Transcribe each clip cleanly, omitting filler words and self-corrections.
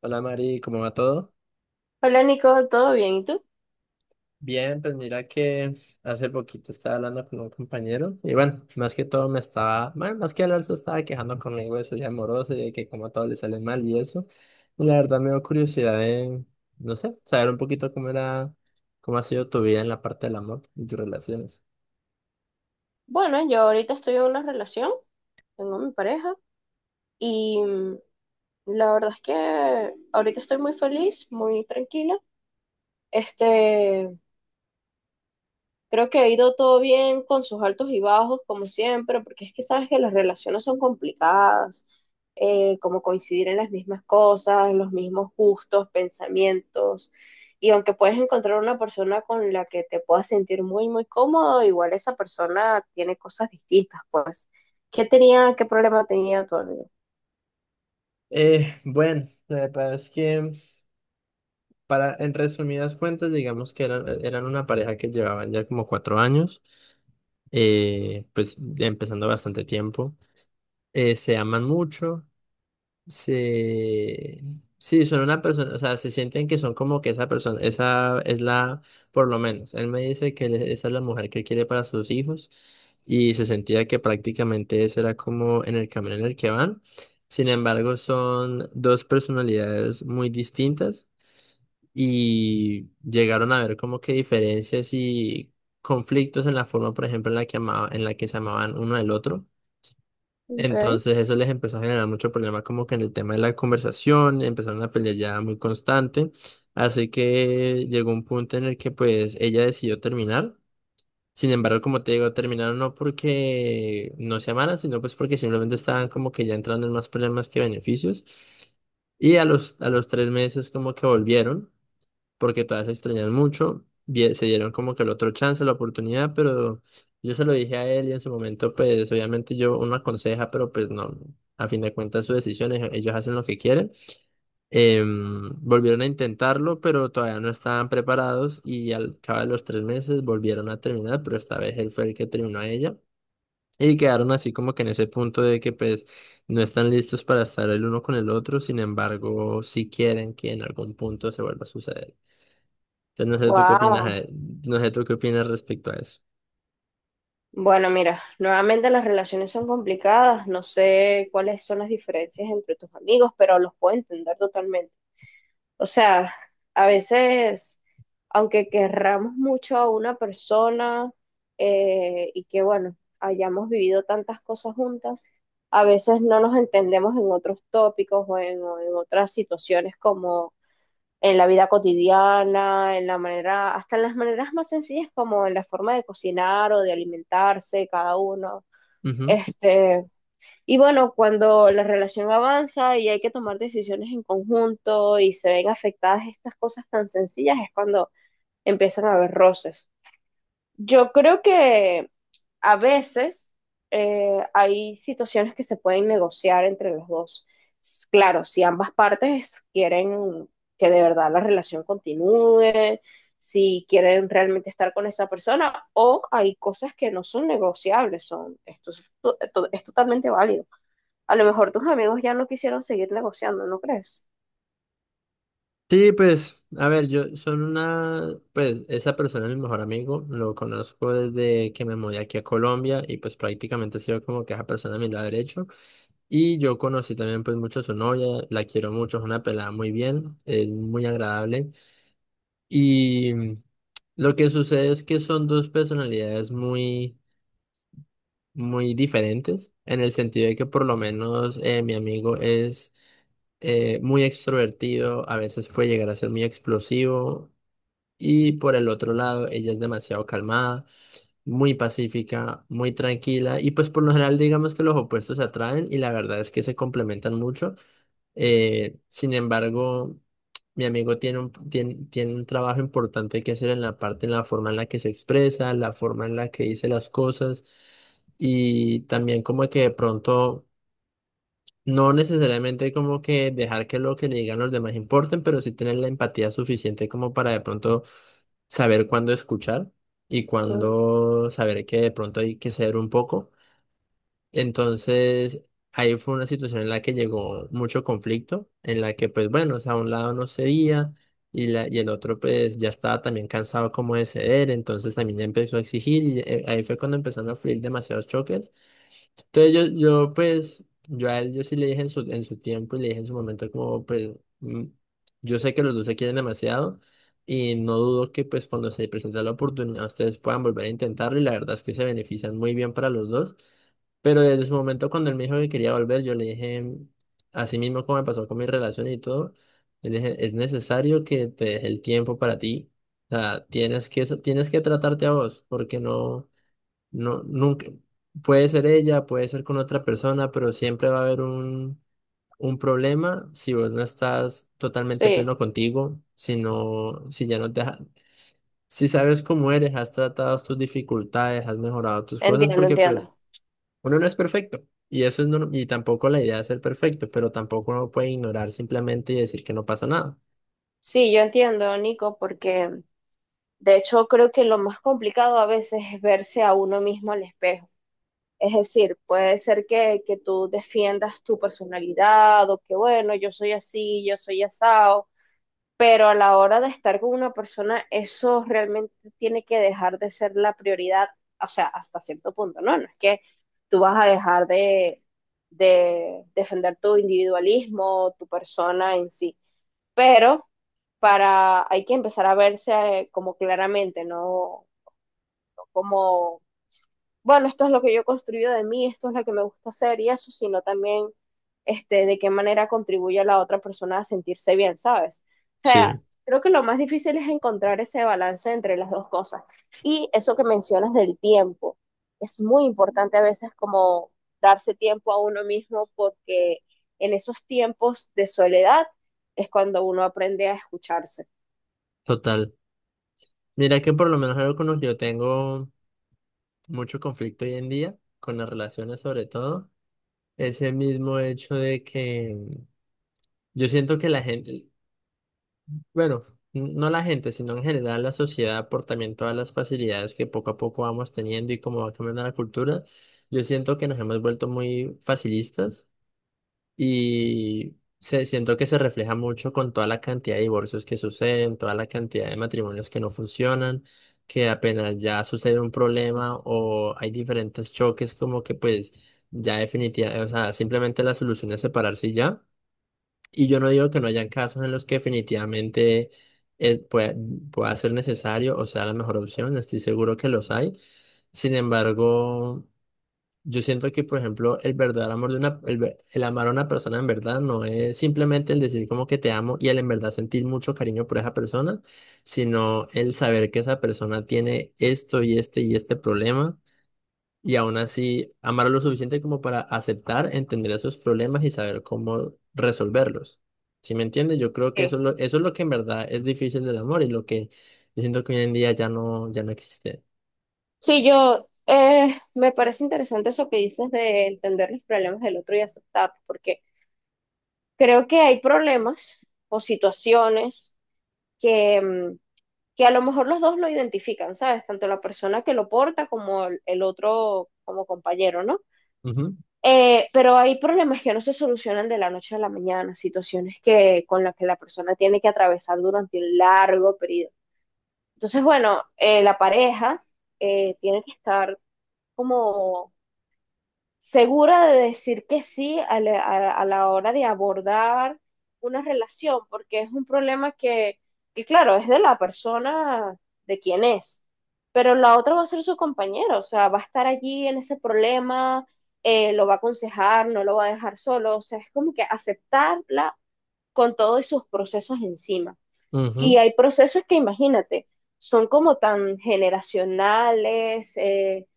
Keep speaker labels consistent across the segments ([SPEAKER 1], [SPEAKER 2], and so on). [SPEAKER 1] Hola Mari, ¿cómo va todo?
[SPEAKER 2] Hola Nico, ¿todo bien? ¿Y tú?
[SPEAKER 1] Bien, pues mira que hace poquito estaba hablando con un compañero y bueno, más que todo me estaba, bueno, más que hablar se estaba quejando conmigo de su vida amorosa y de que como a todo le sale mal y eso. Y la verdad me dio curiosidad de, no sé, saber un poquito cómo era, cómo ha sido tu vida en la parte del amor y tus relaciones.
[SPEAKER 2] Bueno, yo ahorita estoy en una relación, tengo mi pareja y la verdad es que ahorita estoy muy feliz, muy tranquila. Este, Creo que ha ido todo bien con sus altos y bajos, como siempre, porque es que sabes que las relaciones son complicadas, como coincidir en las mismas cosas, los mismos gustos, pensamientos. Y aunque puedes encontrar una persona con la que te puedas sentir muy, muy cómodo, igual esa persona tiene cosas distintas, pues. ¿Qué tenía, qué problema tenía tu amigo?
[SPEAKER 1] Bueno, la verdad es que para, en resumidas cuentas, digamos que eran una pareja que llevaban ya como 4 años, pues empezando bastante tiempo. Se aman mucho, se... Sí, son una persona, o sea, se sienten que son como que esa persona, esa es la, por lo menos, él me dice que él- esa es la mujer que quiere para sus hijos y se sentía que prácticamente ese era como en el camino en el que van. Sin embargo, son dos personalidades muy distintas y llegaron a ver como que diferencias y conflictos en la forma, por ejemplo, en la que se amaban uno del otro.
[SPEAKER 2] Ok.
[SPEAKER 1] Entonces eso les empezó a generar mucho problema como que en el tema de la conversación, empezaron a pelear ya muy constante, así que llegó un punto en el que pues ella decidió terminar, sin embargo como te digo, terminaron no porque no se amaran, sino pues porque simplemente estaban como que ya entrando en más problemas que beneficios y a los 3 meses como que volvieron porque todavía se extrañan mucho. Bien, se dieron como que el otro chance, la oportunidad, pero yo se lo dije a él y en su momento, pues obviamente yo uno aconseja, pero pues no, a fin de cuentas sus decisiones ellos hacen lo que quieren. Volvieron a intentarlo, pero todavía no estaban preparados y al cabo de los 3 meses volvieron a terminar, pero esta vez él fue el que terminó a ella. Y quedaron así como que en ese punto de que pues no están listos para estar el uno con el otro, sin embargo, si quieren que en algún punto se vuelva a suceder. Entonces, no sé tú qué opinas,
[SPEAKER 2] Wow.
[SPEAKER 1] no sé tú qué opinas respecto a eso.
[SPEAKER 2] Bueno, mira, nuevamente las relaciones son complicadas, no sé cuáles son las diferencias entre tus amigos, pero los puedo entender totalmente. O sea, a veces, aunque querramos mucho a una persona y que, bueno, hayamos vivido tantas cosas juntas, a veces no nos entendemos en otros tópicos o en otras situaciones en la vida cotidiana, en la manera, hasta en las maneras más sencillas como en la forma de cocinar o de alimentarse cada uno.
[SPEAKER 1] Ujú.
[SPEAKER 2] Este, y bueno, cuando la relación avanza y hay que tomar decisiones en conjunto y se ven afectadas estas cosas tan sencillas, es cuando empiezan a haber roces. Yo creo que a veces hay situaciones que se pueden negociar entre los dos. Claro, si ambas partes quieren que de verdad la relación continúe, si quieren realmente estar con esa persona, o hay cosas que no son negociables, son, esto es, es totalmente válido. A lo mejor tus amigos ya no quisieron seguir negociando, ¿no crees?
[SPEAKER 1] Sí, pues, a ver, yo son una, pues, esa persona es mi mejor amigo, lo conozco desde que me mudé aquí a Colombia y pues prácticamente ha sido como que esa persona a mi lado derecho. Y yo conocí también pues mucho a su novia, la quiero mucho, es una pelada muy bien, es muy agradable. Y lo que sucede es que son dos personalidades muy, muy diferentes, en el sentido de que por lo menos mi amigo es muy extrovertido, a veces puede llegar a ser muy explosivo y por el otro lado ella es demasiado calmada, muy pacífica, muy tranquila y pues por lo general digamos que los opuestos se atraen y la verdad es que se complementan mucho. Sin embargo, mi amigo tiene un trabajo importante que hacer en la parte, en la forma en la que se expresa, la forma en la que dice las cosas y también como que de pronto... No necesariamente como que dejar que lo que le digan los demás importen, pero sí tener la empatía suficiente como para de pronto saber cuándo escuchar y
[SPEAKER 2] Mm,
[SPEAKER 1] cuándo saber que de pronto hay que ceder un poco. Entonces, ahí fue una situación en la que llegó mucho conflicto, en la que pues bueno, o sea, un lado no cedía y el otro pues ya estaba también cansado como de ceder, entonces también ya empezó a exigir y ahí fue cuando empezaron a fluir demasiados choques. Entonces yo pues, yo a él yo sí le dije en en su tiempo y le dije en su momento como pues, mm, yo sé que los dos se quieren demasiado y no dudo que pues cuando se presente la oportunidad ustedes puedan volver a intentarlo y la verdad es que se benefician muy bien para los dos. Pero desde su momento cuando él me dijo que quería volver, yo le dije, así mismo como me pasó con mi relación y todo, le dije, es necesario que te deje el tiempo para ti. O sea, tienes que tratarte a vos, porque no... No, nunca, puede ser ella, puede ser con otra persona, pero siempre va a haber un problema si vos no estás totalmente
[SPEAKER 2] Sí,
[SPEAKER 1] pleno contigo, si ya si sabes cómo eres, has tratado tus dificultades, has mejorado tus cosas,
[SPEAKER 2] entiendo,
[SPEAKER 1] porque pues
[SPEAKER 2] entiendo.
[SPEAKER 1] uno no es perfecto. Y tampoco la idea es ser perfecto, pero tampoco uno puede ignorar simplemente y decir que no pasa nada.
[SPEAKER 2] Sí, yo entiendo, Nico, porque de hecho, creo que lo más complicado a veces es verse a uno mismo al espejo. Es decir, puede ser que tú defiendas tu personalidad o que, bueno, yo soy así, yo soy asado, pero a la hora de estar con una persona, eso realmente tiene que dejar de ser la prioridad, o sea, hasta cierto punto, ¿no? No es que tú vas a dejar de defender tu individualismo, tu persona en sí, pero para, hay que empezar a verse como claramente, ¿no? Como, bueno, esto es lo que yo he construido de mí, esto es lo que me gusta hacer y eso, sino también de qué manera contribuye a la otra persona a sentirse bien, ¿sabes? O sea,
[SPEAKER 1] Sí,
[SPEAKER 2] creo que lo más difícil es encontrar ese balance entre las dos cosas. Y eso que mencionas del tiempo, es muy importante a veces como darse tiempo a uno mismo porque en esos tiempos de soledad es cuando uno aprende a escucharse.
[SPEAKER 1] total. Mira que por lo menos algo con lo que yo tengo mucho conflicto hoy en día, con las relaciones sobre todo ese mismo hecho de que yo siento que la gente, bueno, no la gente, sino en general la sociedad, por también todas las facilidades que poco a poco vamos teniendo y cómo va cambiando la cultura, yo siento que nos hemos vuelto muy facilistas siento que se refleja mucho con toda la cantidad de divorcios que suceden, toda la cantidad de matrimonios que no funcionan. Que apenas ya sucede un problema o hay diferentes choques como que pues ya definitiva, o sea, simplemente la solución es separarse y ya. Y yo no digo que no hayan casos en los que definitivamente es- pueda, pueda ser necesario o sea la mejor opción, estoy seguro que los hay. Sin embargo, yo siento que, por ejemplo, el verdadero amor de una, el, ver- el amar a una persona en verdad no es simplemente el decir como que te amo y el en verdad sentir mucho cariño por esa persona, sino el saber que esa persona tiene esto y este problema y aún así amarlo lo suficiente como para aceptar, entender esos problemas y saber cómo resolverlos. ¿Sí me entiendes? Yo creo que
[SPEAKER 2] Sí,
[SPEAKER 1] eso es lo que en verdad es difícil del amor y lo que yo siento que hoy en día ya no existe.
[SPEAKER 2] sí, yo me parece interesante eso que dices de entender los problemas del otro y aceptarlos, porque creo que hay problemas o situaciones que, que a lo mejor los dos lo identifican, ¿sabes? Tanto la persona que lo porta como el otro como compañero, ¿no? Pero hay problemas que no se solucionan de la noche a la mañana, situaciones que con las que la persona tiene que atravesar durante un largo periodo. Entonces, bueno, la pareja tiene que estar como segura de decir que sí a a la hora de abordar una relación, porque es un problema que, claro, es de la persona, de quién es, pero la otra va a ser su compañero, o sea, va a estar allí en ese problema, lo va a aconsejar, no lo va a dejar solo, o sea, es como que aceptarla con todos sus procesos encima.
[SPEAKER 1] Ujú,
[SPEAKER 2] Y
[SPEAKER 1] ujú.
[SPEAKER 2] hay procesos que, imagínate, son como tan generacionales,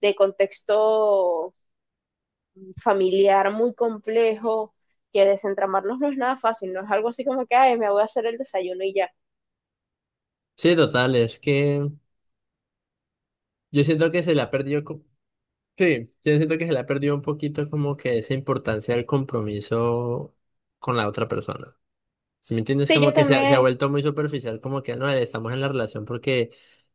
[SPEAKER 2] de contexto familiar muy complejo, que desentramarnos no es nada fácil, no es algo así como que, ay, me voy a hacer el desayuno y ya.
[SPEAKER 1] Sí, total, es que yo siento que se le ha perdido, co- sí, yo siento que se le ha perdido un poquito como que esa importancia del compromiso con la otra persona. Si me entiendes,
[SPEAKER 2] Sí,
[SPEAKER 1] como
[SPEAKER 2] yo
[SPEAKER 1] que se ha
[SPEAKER 2] también,
[SPEAKER 1] vuelto muy superficial, como que no, estamos en la relación porque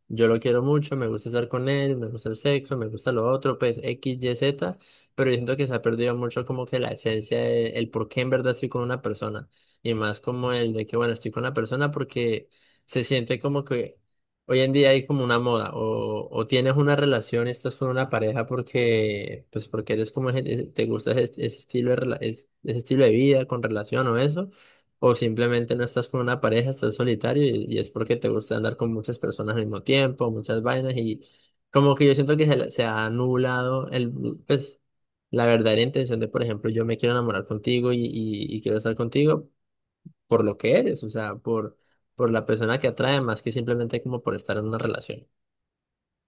[SPEAKER 1] yo lo quiero mucho, me gusta estar con él, me gusta el sexo, me gusta lo otro, pues X, Y, Z, pero yo siento que se ha perdido mucho como que la esencia, por qué en verdad estoy con una persona, y más como el de que, bueno, estoy con la persona porque se siente como que hoy en día hay como una moda, o tienes una relación, estás con una pareja porque, pues porque eres como, te gusta ese estilo de, ese estilo de vida con relación o eso. O simplemente no estás con una pareja, estás solitario y es porque te gusta andar con muchas personas al mismo tiempo, muchas vainas y como que yo siento que se ha anulado el, pues, la verdadera intención de, por ejemplo, yo me quiero enamorar contigo y quiero estar contigo por lo que eres, o sea, por la persona que atrae más que simplemente como por estar en una relación.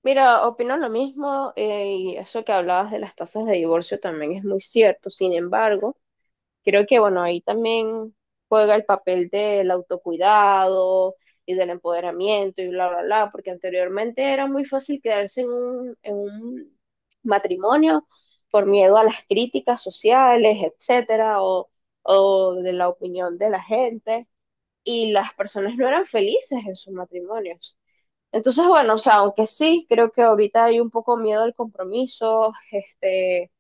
[SPEAKER 2] mira, opino lo mismo y eso que hablabas de las tasas de divorcio también es muy cierto, sin embargo. Creo que, bueno, ahí también juega el papel del autocuidado y del empoderamiento y bla, bla, bla, porque anteriormente era muy fácil quedarse en en un matrimonio por miedo a las críticas sociales, etcétera, o de la opinión de la gente, y las personas no eran felices en sus matrimonios. Entonces, bueno, o sea, aunque sí, creo que ahorita hay un poco miedo al compromiso,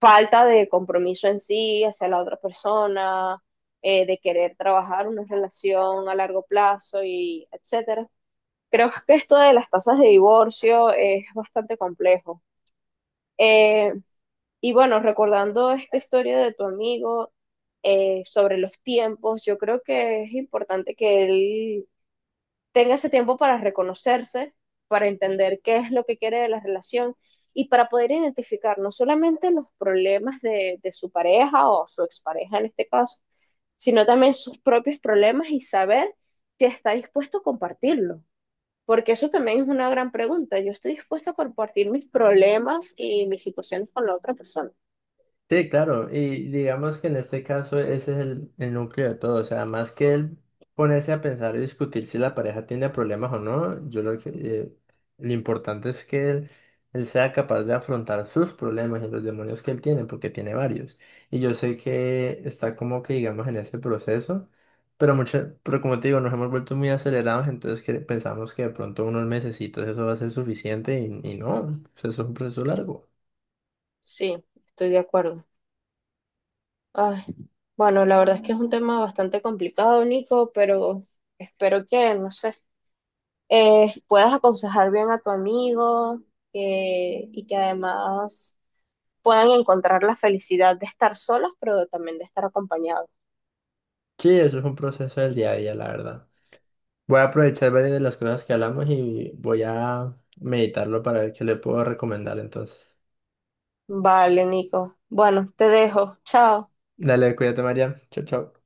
[SPEAKER 2] falta de compromiso en sí hacia la otra persona, de querer trabajar una relación a largo plazo y etcétera. Creo que esto de las tasas de divorcio es bastante complejo. Eh, y bueno, recordando esta historia de tu amigo sobre los tiempos, yo creo que es importante que él tenga ese tiempo para reconocerse, para entender qué es lo que quiere de la relación y para poder identificar no solamente los problemas de su pareja o su expareja en este caso, sino también sus propios problemas y saber si está dispuesto a compartirlo. Porque eso también es una gran pregunta. Yo estoy dispuesto a compartir mis problemas y mis situaciones con la otra persona.
[SPEAKER 1] Sí, claro, y digamos que en este caso ese es el núcleo de todo, o sea, más que él ponerse a pensar y discutir si la pareja tiene problemas o no, yo lo que, lo importante es que él sea capaz de afrontar sus problemas y los demonios que él tiene, porque tiene varios. Y yo sé que está como que, digamos, en ese proceso, pero mucho, pero como te digo, nos hemos vuelto muy acelerados, entonces que pensamos que de pronto unos mesecitos eso va a ser suficiente y no, o sea, eso es un proceso largo.
[SPEAKER 2] Sí, estoy de acuerdo. Ay, bueno, la verdad es que es un tema bastante complicado, Nico, pero espero que, no sé, puedas aconsejar bien a tu amigo y que además puedan encontrar la felicidad de estar solos, pero también de estar acompañados.
[SPEAKER 1] Sí, eso es un proceso del día a día, la verdad. Voy a aprovechar varias de las cosas que hablamos y voy a meditarlo para ver qué le puedo recomendar entonces.
[SPEAKER 2] Vale, Nico. Bueno, te dejo. Chao.
[SPEAKER 1] Dale, cuídate, María. Chao, chao.